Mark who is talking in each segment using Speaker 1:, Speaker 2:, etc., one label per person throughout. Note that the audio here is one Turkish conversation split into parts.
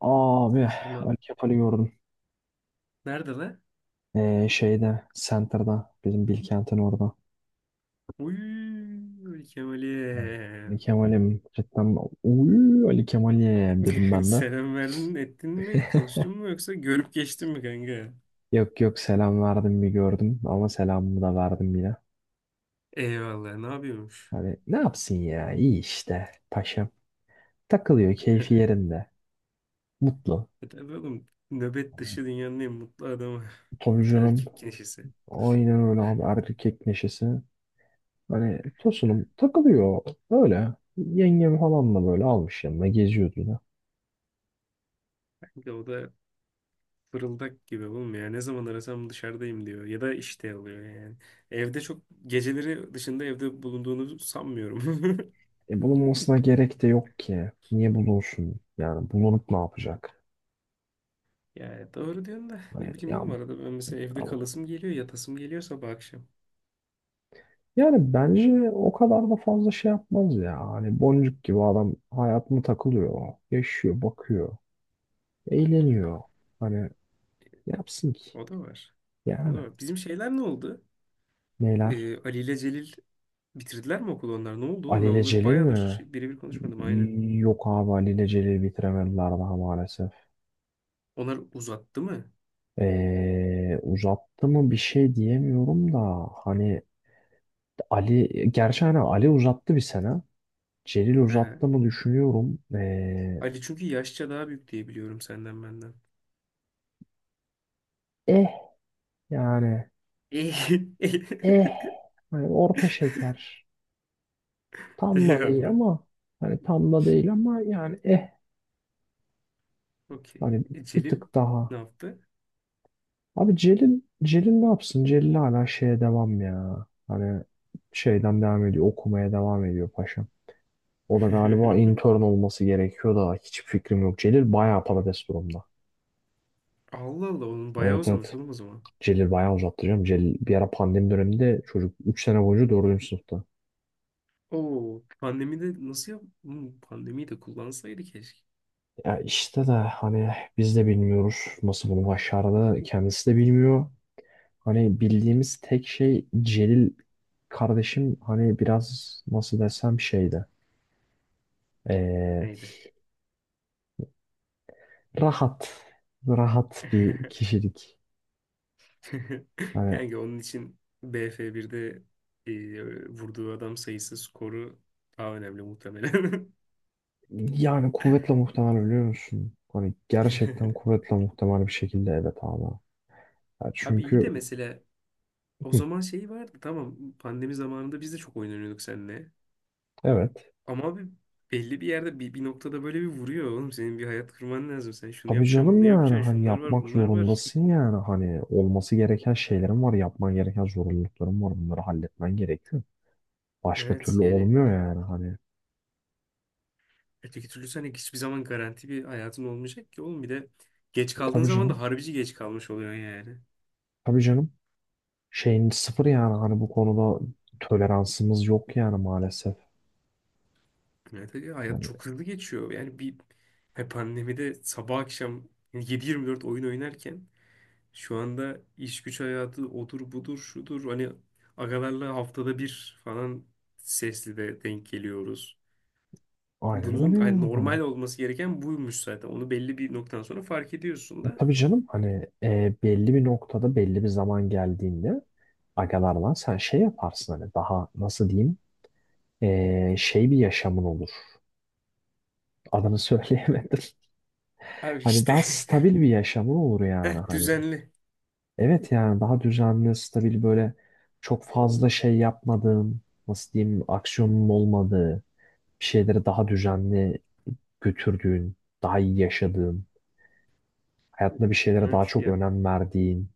Speaker 1: Abi Ali
Speaker 2: Tamam.
Speaker 1: Kemal'i gördüm.
Speaker 2: Nerede lan?
Speaker 1: Şeyde Center'da bizim Bilkent'in orada.
Speaker 2: Uy,
Speaker 1: Ha. Ali
Speaker 2: Kemal'e.
Speaker 1: Kemal'im cidden uy Ali Kemal'im dedim ben de.
Speaker 2: Selam verdin, ettin mi, konuştun mu yoksa görüp geçtin mi kanka?
Speaker 1: Yok yok selam verdim bir gördüm ama selamımı da verdim yine.
Speaker 2: Eyvallah, ne yapıyormuş?
Speaker 1: Hani ne yapsın ya iyi işte paşam. Takılıyor keyfi yerinde. Mutlu.
Speaker 2: E tabii oğlum, nöbet dışı dünyanın en mutlu adamı.
Speaker 1: Tabii canım.
Speaker 2: Erkek neşesi.
Speaker 1: Aynen öyle abi erkek neşesi. Hani tosunum takılıyor öyle. Yengem falan da böyle almış yanına geziyordu yine.
Speaker 2: Kanka o da fırıldak gibi oğlum ya. Ne zaman arasam dışarıdayım diyor. Ya da işte alıyor yani. Evde çok geceleri dışında evde bulunduğunu sanmıyorum.
Speaker 1: Bulunmasına gerek de yok ki. Niye bulunsun? Yani bulunup ne yapacak?
Speaker 2: Yani doğru diyorsun da
Speaker 1: Hani,
Speaker 2: ne bileyim
Speaker 1: ya,
Speaker 2: oğlum arada ben mesela evde kalasım geliyor, yatasım geliyor sabah akşam.
Speaker 1: yani bence o kadar da fazla şey yapmaz ya. Hani boncuk gibi adam hayatına takılıyor. Yaşıyor, bakıyor. Eğleniyor. Hani ne yapsın ki.
Speaker 2: O da var. O da
Speaker 1: Yani
Speaker 2: var. Bizim şeyler ne oldu?
Speaker 1: neler?
Speaker 2: Ali ile Celil bitirdiler mi okulu onlar? Ne oldu oğlum?
Speaker 1: Ali
Speaker 2: Ben
Speaker 1: ile
Speaker 2: onları
Speaker 1: Celil
Speaker 2: bayağıdır
Speaker 1: mi?
Speaker 2: birebir konuşmadım aynen.
Speaker 1: Yok abi Ali ile Celil bitiremediler daha maalesef.
Speaker 2: Onlar uzattı mı?
Speaker 1: Uzattı mı bir şey diyemiyorum da hani Ali gerçi hani Ali uzattı bir sene. Celil
Speaker 2: He. He.
Speaker 1: uzattı mı düşünüyorum.
Speaker 2: Ali çünkü yaşça daha büyük diye biliyorum senden benden.
Speaker 1: Eh Yani
Speaker 2: İyi.
Speaker 1: eh hani orta şeker. Tam da değil
Speaker 2: Eyvallah.
Speaker 1: ama hani tam da değil ama yani
Speaker 2: Okey.
Speaker 1: hani
Speaker 2: E,
Speaker 1: bir
Speaker 2: Celil
Speaker 1: tık
Speaker 2: ne
Speaker 1: daha.
Speaker 2: yaptı?
Speaker 1: Abi Celil ne yapsın? Celil hala şeye devam ya. Hani şeyden devam ediyor. Okumaya devam ediyor paşam. O da galiba intern olması gerekiyor da hiçbir fikrim yok. Celil bayağı patates durumda.
Speaker 2: Allah Allah onun bayağı
Speaker 1: Evet
Speaker 2: uzamış
Speaker 1: evet.
Speaker 2: oğlum o zaman.
Speaker 1: Celil bayağı uzattı canım. Celil bir ara pandemi döneminde çocuk 3 sene boyunca 4. sınıfta.
Speaker 2: Oo, pandemide nasıl yap? Pandemiyi de kullansaydı keşke.
Speaker 1: Ya işte de hani biz de bilmiyoruz nasıl bunu başardı. Kendisi de bilmiyor. Hani bildiğimiz tek şey Celil kardeşim hani biraz nasıl desem şeydi. Ee,
Speaker 2: Neydi?
Speaker 1: Rahat. Rahat bir kişilik. Hani
Speaker 2: Kanka onun için BF1'de vurduğu adam sayısı skoru daha önemli muhtemelen.
Speaker 1: yani kuvvetle muhtemel biliyor musun? Hani gerçekten kuvvetle muhtemel bir şekilde evet ama. Ya
Speaker 2: Abi iyi de
Speaker 1: çünkü
Speaker 2: mesela o zaman şey vardı tamam pandemi zamanında biz de çok oyun oynuyorduk seninle.
Speaker 1: evet.
Speaker 2: Ama abi belli bir yerde bir noktada böyle bir vuruyor oğlum senin bir hayat kurman lazım. Sen şunu
Speaker 1: Tabii
Speaker 2: yapacaksın
Speaker 1: canım
Speaker 2: bunu
Speaker 1: yani
Speaker 2: yapacaksın
Speaker 1: hani
Speaker 2: şunlar var
Speaker 1: yapmak
Speaker 2: bunlar var.
Speaker 1: zorundasın yani hani olması gereken şeylerin var yapman gereken zorunlulukların var bunları halletmen gerekiyor. Başka
Speaker 2: Evet
Speaker 1: türlü
Speaker 2: yani
Speaker 1: olmuyor yani hani.
Speaker 2: öteki türlü sen hiçbir zaman garanti bir hayatın olmayacak ki oğlum bir de geç kaldığın
Speaker 1: Tabii
Speaker 2: zaman da
Speaker 1: canım
Speaker 2: harbici geç kalmış oluyor yani.
Speaker 1: tabii canım şeyin sıfır yani hani bu konuda toleransımız yok yani maalesef.
Speaker 2: Evet, evet. Ya hayat
Speaker 1: Hani
Speaker 2: çok hızlı geçiyor. Yani bir he pandemide sabah akşam 7-24 oyun oynarken şu anda iş güç hayatı odur budur şudur hani agalarla haftada bir falan sesli de denk geliyoruz.
Speaker 1: aynen
Speaker 2: Bunun
Speaker 1: öyle
Speaker 2: hani
Speaker 1: yani
Speaker 2: normal
Speaker 1: hani.
Speaker 2: olması gereken buymuş zaten. Onu belli bir noktadan sonra fark ediyorsun da.
Speaker 1: Tabii canım hani belli bir noktada belli bir zaman geldiğinde agalarla sen şey yaparsın hani daha nasıl diyeyim şey bir yaşamın olur. Adını söyleyemedim.
Speaker 2: Abi
Speaker 1: Hani
Speaker 2: işte
Speaker 1: daha stabil bir yaşamın olur yani hani.
Speaker 2: düzenli.
Speaker 1: Evet yani daha düzenli, stabil böyle çok fazla şey yapmadığın, nasıl diyeyim, aksiyonun olmadığı, bir şeyleri daha düzenli götürdüğün, daha iyi yaşadığın, hayatında bir şeylere daha
Speaker 2: Evet,
Speaker 1: çok
Speaker 2: ya
Speaker 1: önem verdiğin.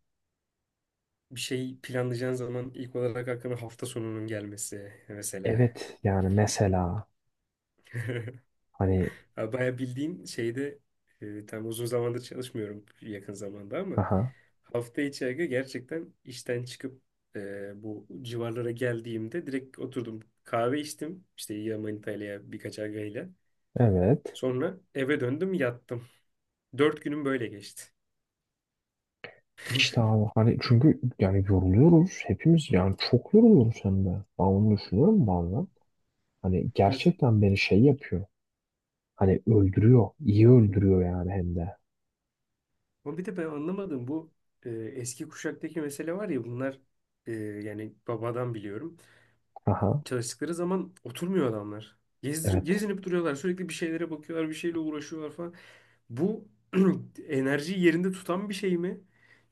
Speaker 2: bir şey planlayacağın zaman ilk olarak aklına hafta sonunun gelmesi mesela.
Speaker 1: Evet yani mesela hani
Speaker 2: Abi bayağı bildiğin şeyde tam uzun zamandır çalışmıyorum yakın zamanda ama
Speaker 1: aha
Speaker 2: hafta içi aga gerçekten işten çıkıp bu civarlara geldiğimde direkt oturdum kahve içtim işte ya Manita ile ya birkaç agayla.
Speaker 1: evet
Speaker 2: Sonra eve döndüm yattım. 4 günüm böyle geçti.
Speaker 1: işte abi hani çünkü yani yoruluyoruz hepimiz yani çok yoruluyoruz hem de. Ben onu düşünüyorum bazen. Hani
Speaker 2: Evet.
Speaker 1: gerçekten beni şey yapıyor. Hani öldürüyor. İyi öldürüyor yani hem de.
Speaker 2: Ama bir de ben anlamadım bu eski kuşaktaki mesele var ya bunlar yani babadan biliyorum.
Speaker 1: Aha.
Speaker 2: Çalıştıkları zaman oturmuyor adamlar. Gezdir,
Speaker 1: Evet.
Speaker 2: gezinip duruyorlar. Sürekli bir şeylere bakıyorlar, bir şeyle uğraşıyorlar falan. Bu enerjiyi yerinde tutan bir şey mi?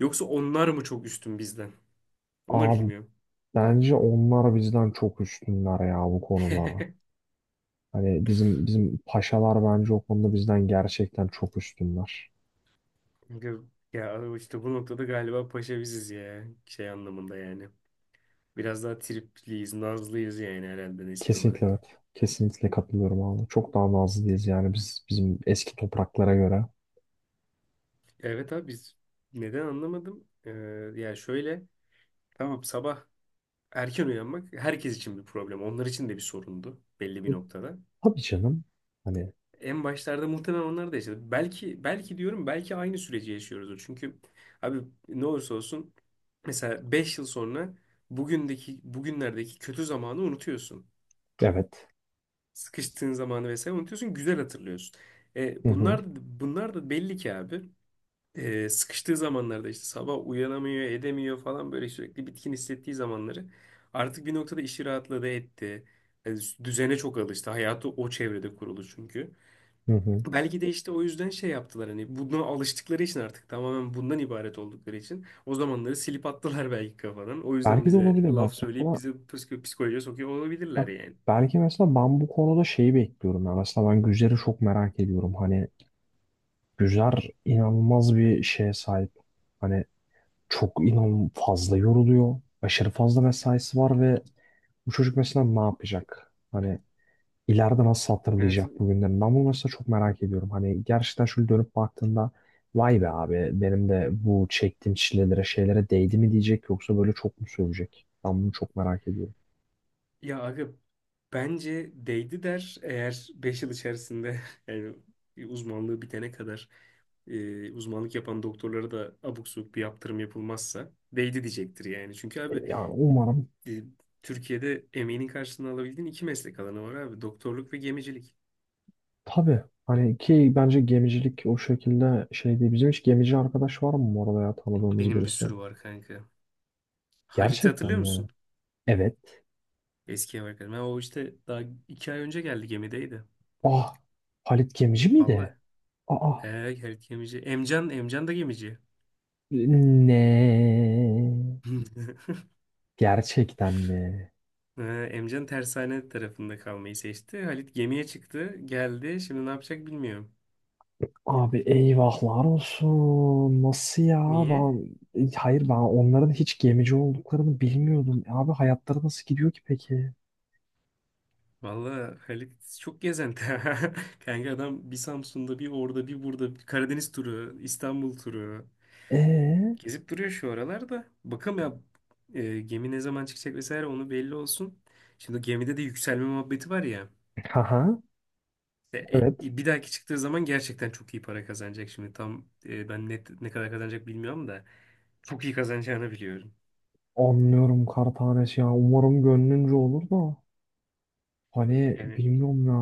Speaker 2: Yoksa onlar mı çok üstün bizden? Onu
Speaker 1: Abi
Speaker 2: bilmiyorum.
Speaker 1: bence onlar bizden çok üstünler ya bu konuda. Hani bizim bizim paşalar bence o konuda bizden gerçekten çok üstünler.
Speaker 2: Çünkü ya işte bu noktada galiba paşa biziz ya. Şey anlamında yani. Biraz daha tripliyiz, nazlıyız yani herhalde nesil olarak.
Speaker 1: Kesinlikle evet. Kesinlikle katılıyorum abi. Çok daha nazlıyız yani biz bizim eski topraklara göre.
Speaker 2: Evet abi biz neden anlamadım? Ya şöyle tamam sabah erken uyanmak herkes için bir problem. Onlar için de bir sorundu belli bir
Speaker 1: E,
Speaker 2: noktada.
Speaker 1: tabii canım. Hani
Speaker 2: En başlarda muhtemelen onlar da yaşadı. Belki belki diyorum belki aynı süreci yaşıyoruzdur. Çünkü abi ne olursa olsun mesela 5 yıl sonra bugünlerdeki kötü zamanı unutuyorsun.
Speaker 1: evet.
Speaker 2: Sıkıştığın zamanı vesaire unutuyorsun, güzel hatırlıyorsun. E,
Speaker 1: Hı hı.
Speaker 2: bunlar da belli ki abi. Sıkıştığı zamanlarda işte sabah uyanamıyor, edemiyor falan böyle sürekli bitkin hissettiği zamanları artık bir noktada işi rahatladı etti. E, düzene çok alıştı. Hayatı o çevrede kurulu çünkü.
Speaker 1: Hı hı.
Speaker 2: Belki de işte o yüzden şey yaptılar hani buna alıştıkları için artık tamamen bundan ibaret oldukları için o zamanları silip attılar belki kafadan. O yüzden
Speaker 1: Belki de
Speaker 2: bize
Speaker 1: olabilir
Speaker 2: laf
Speaker 1: bak.
Speaker 2: söyleyip
Speaker 1: Mesela,
Speaker 2: bizi psikolojiye sokuyor olabilirler
Speaker 1: bak,
Speaker 2: yani.
Speaker 1: belki mesela ben bu konuda şeyi bekliyorum. Ya. Mesela ben güzleri çok merak ediyorum. Hani Gürler inanılmaz bir şeye sahip. Hani çok inan fazla yoruluyor. Aşırı fazla mesaisi var ve bu çocuk mesela ne yapacak? Hani ileride nasıl
Speaker 2: Evet.
Speaker 1: hatırlayacak bu günleri? Ben bunu mesela çok merak ediyorum. Hani gerçekten şöyle dönüp baktığında vay be abi benim de bu çektiğim çilelere şeylere değdi mi diyecek yoksa böyle çok mu sövecek? Ben bunu çok merak ediyorum.
Speaker 2: Ya aga bence değdi der eğer 5 yıl içerisinde yani uzmanlığı bitene kadar uzmanlık yapan doktorlara da abuk subuk bir yaptırım yapılmazsa değdi diyecektir yani. Çünkü abi
Speaker 1: Yani umarım
Speaker 2: e, Türkiye'de emeğinin karşılığını alabildiğin iki meslek alanı var abi doktorluk ve gemicilik.
Speaker 1: tabii. Hani ki bence gemicilik o şekilde şey değil. Bizim hiç gemici arkadaş var mı bu arada ya tanıdığımız
Speaker 2: Benim bir
Speaker 1: birisi?
Speaker 2: sürü var kanka. Halit'i
Speaker 1: Gerçekten
Speaker 2: hatırlıyor
Speaker 1: mi?
Speaker 2: musun?
Speaker 1: Evet.
Speaker 2: Eski ev arkadaşım. Ha, o işte daha 2 ay önce geldi gemideydi.
Speaker 1: Ah, Halit Gemici miydi?
Speaker 2: Vallahi.
Speaker 1: Aa,
Speaker 2: He, Halit gemici. Emcan da gemici.
Speaker 1: ne? Gerçekten mi?
Speaker 2: He, Emcan tersane tarafında kalmayı seçti. Halit gemiye çıktı, geldi. Şimdi ne yapacak bilmiyorum.
Speaker 1: Abi eyvahlar olsun. Nasıl ya?
Speaker 2: Niye?
Speaker 1: Ben, hayır ben onların hiç gemici olduklarını bilmiyordum. Abi hayatları nasıl gidiyor ki peki?
Speaker 2: Vallahi Halit çok gezenti. Kanka adam bir Samsun'da, bir orada, bir burada. Bir Karadeniz turu, İstanbul turu.
Speaker 1: Ee?
Speaker 2: Gezip duruyor şu aralarda. Bakalım ya gemi ne zaman çıkacak vesaire onu belli olsun. Şimdi gemide de yükselme muhabbeti var ya.
Speaker 1: Haha.
Speaker 2: E,
Speaker 1: Evet.
Speaker 2: e, bir dahaki çıktığı zaman gerçekten çok iyi para kazanacak. Şimdi tam ben net ne kadar kazanacak bilmiyorum da çok iyi kazanacağını biliyorum.
Speaker 1: Anlıyorum kar tanesi ya. Umarım gönlünce olur da. Hani
Speaker 2: Yani
Speaker 1: bilmiyorum ya.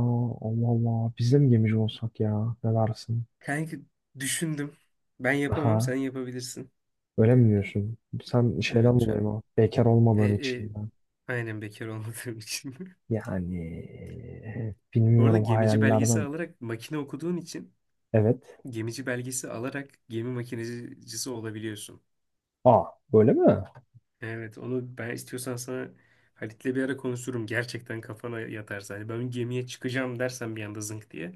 Speaker 1: Allah Allah. Biz de mi gemici olsak ya? Ne dersin?
Speaker 2: kanki düşündüm. Ben yapamam
Speaker 1: Aha.
Speaker 2: sen yapabilirsin.
Speaker 1: Öyle mi diyorsun? Sen şeyden
Speaker 2: Evet
Speaker 1: dolayı
Speaker 2: Cem.
Speaker 1: mı? Bekar
Speaker 2: E,
Speaker 1: olmadığın için
Speaker 2: e,
Speaker 1: mi?
Speaker 2: aynen bekar olmadığım için.
Speaker 1: Yani
Speaker 2: Bu arada
Speaker 1: bilmiyorum
Speaker 2: gemici belgesi
Speaker 1: hayallerden.
Speaker 2: alarak makine okuduğun için
Speaker 1: Evet.
Speaker 2: gemici belgesi alarak gemi makinecisi olabiliyorsun.
Speaker 1: Aa, böyle mi?
Speaker 2: Evet onu ben istiyorsan sana Halit'le bir ara konuşurum. Gerçekten kafana yatarsa. Hani ben gemiye çıkacağım dersen bir anda zınk diye.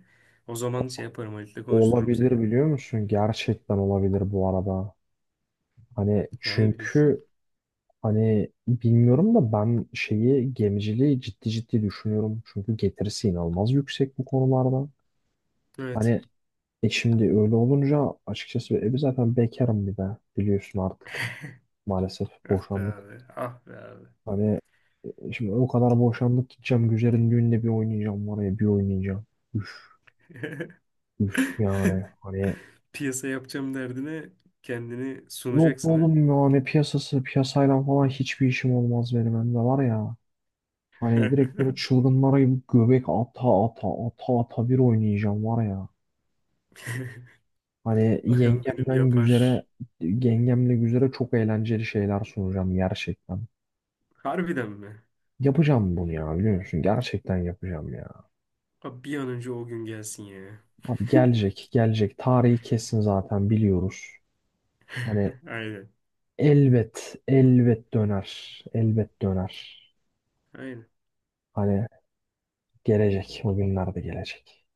Speaker 2: O zaman şey yaparım Halit'le konuştururum seni.
Speaker 1: Olabilir biliyor musun? Gerçekten olabilir bu arada. Hani
Speaker 2: Yani bir düşün.
Speaker 1: çünkü hani bilmiyorum da ben şeyi gemiciliği ciddi ciddi düşünüyorum. Çünkü getirisi inanılmaz yüksek bu konularda.
Speaker 2: Evet.
Speaker 1: Hani şimdi öyle olunca açıkçası zaten bekarım bir de biliyorsun artık maalesef
Speaker 2: Ah be
Speaker 1: boşandık.
Speaker 2: abi. Ah be abi.
Speaker 1: Hani şimdi o kadar boşandık gideceğim Güzel'in düğünde bir oynayacağım var ya bir oynayacağım. Üf, üf yani hani
Speaker 2: Piyasa yapacağım derdine kendini
Speaker 1: yok
Speaker 2: sunacaksın ha.
Speaker 1: oğlum yani piyasası piyasayla falan hiçbir işim olmaz benim hem de var ya. Hani direkt böyle çılgınlara gibi göbek ata ata ata ata bir oynayacağım var ya. Hani
Speaker 2: Bakan benim
Speaker 1: yengemden güzere
Speaker 2: yapar.
Speaker 1: yengemle güzere çok eğlenceli şeyler sunacağım gerçekten.
Speaker 2: Harbiden mi?
Speaker 1: Yapacağım bunu ya biliyor musun? Gerçekten yapacağım ya.
Speaker 2: Abi bir an önce o gün gelsin ya.
Speaker 1: Abi gelecek gelecek tarihi kesin zaten biliyoruz. Hani
Speaker 2: Aynen.
Speaker 1: elbet, elbet döner. Elbet döner.
Speaker 2: Aynen.
Speaker 1: Hani gelecek. O günler de gelecek.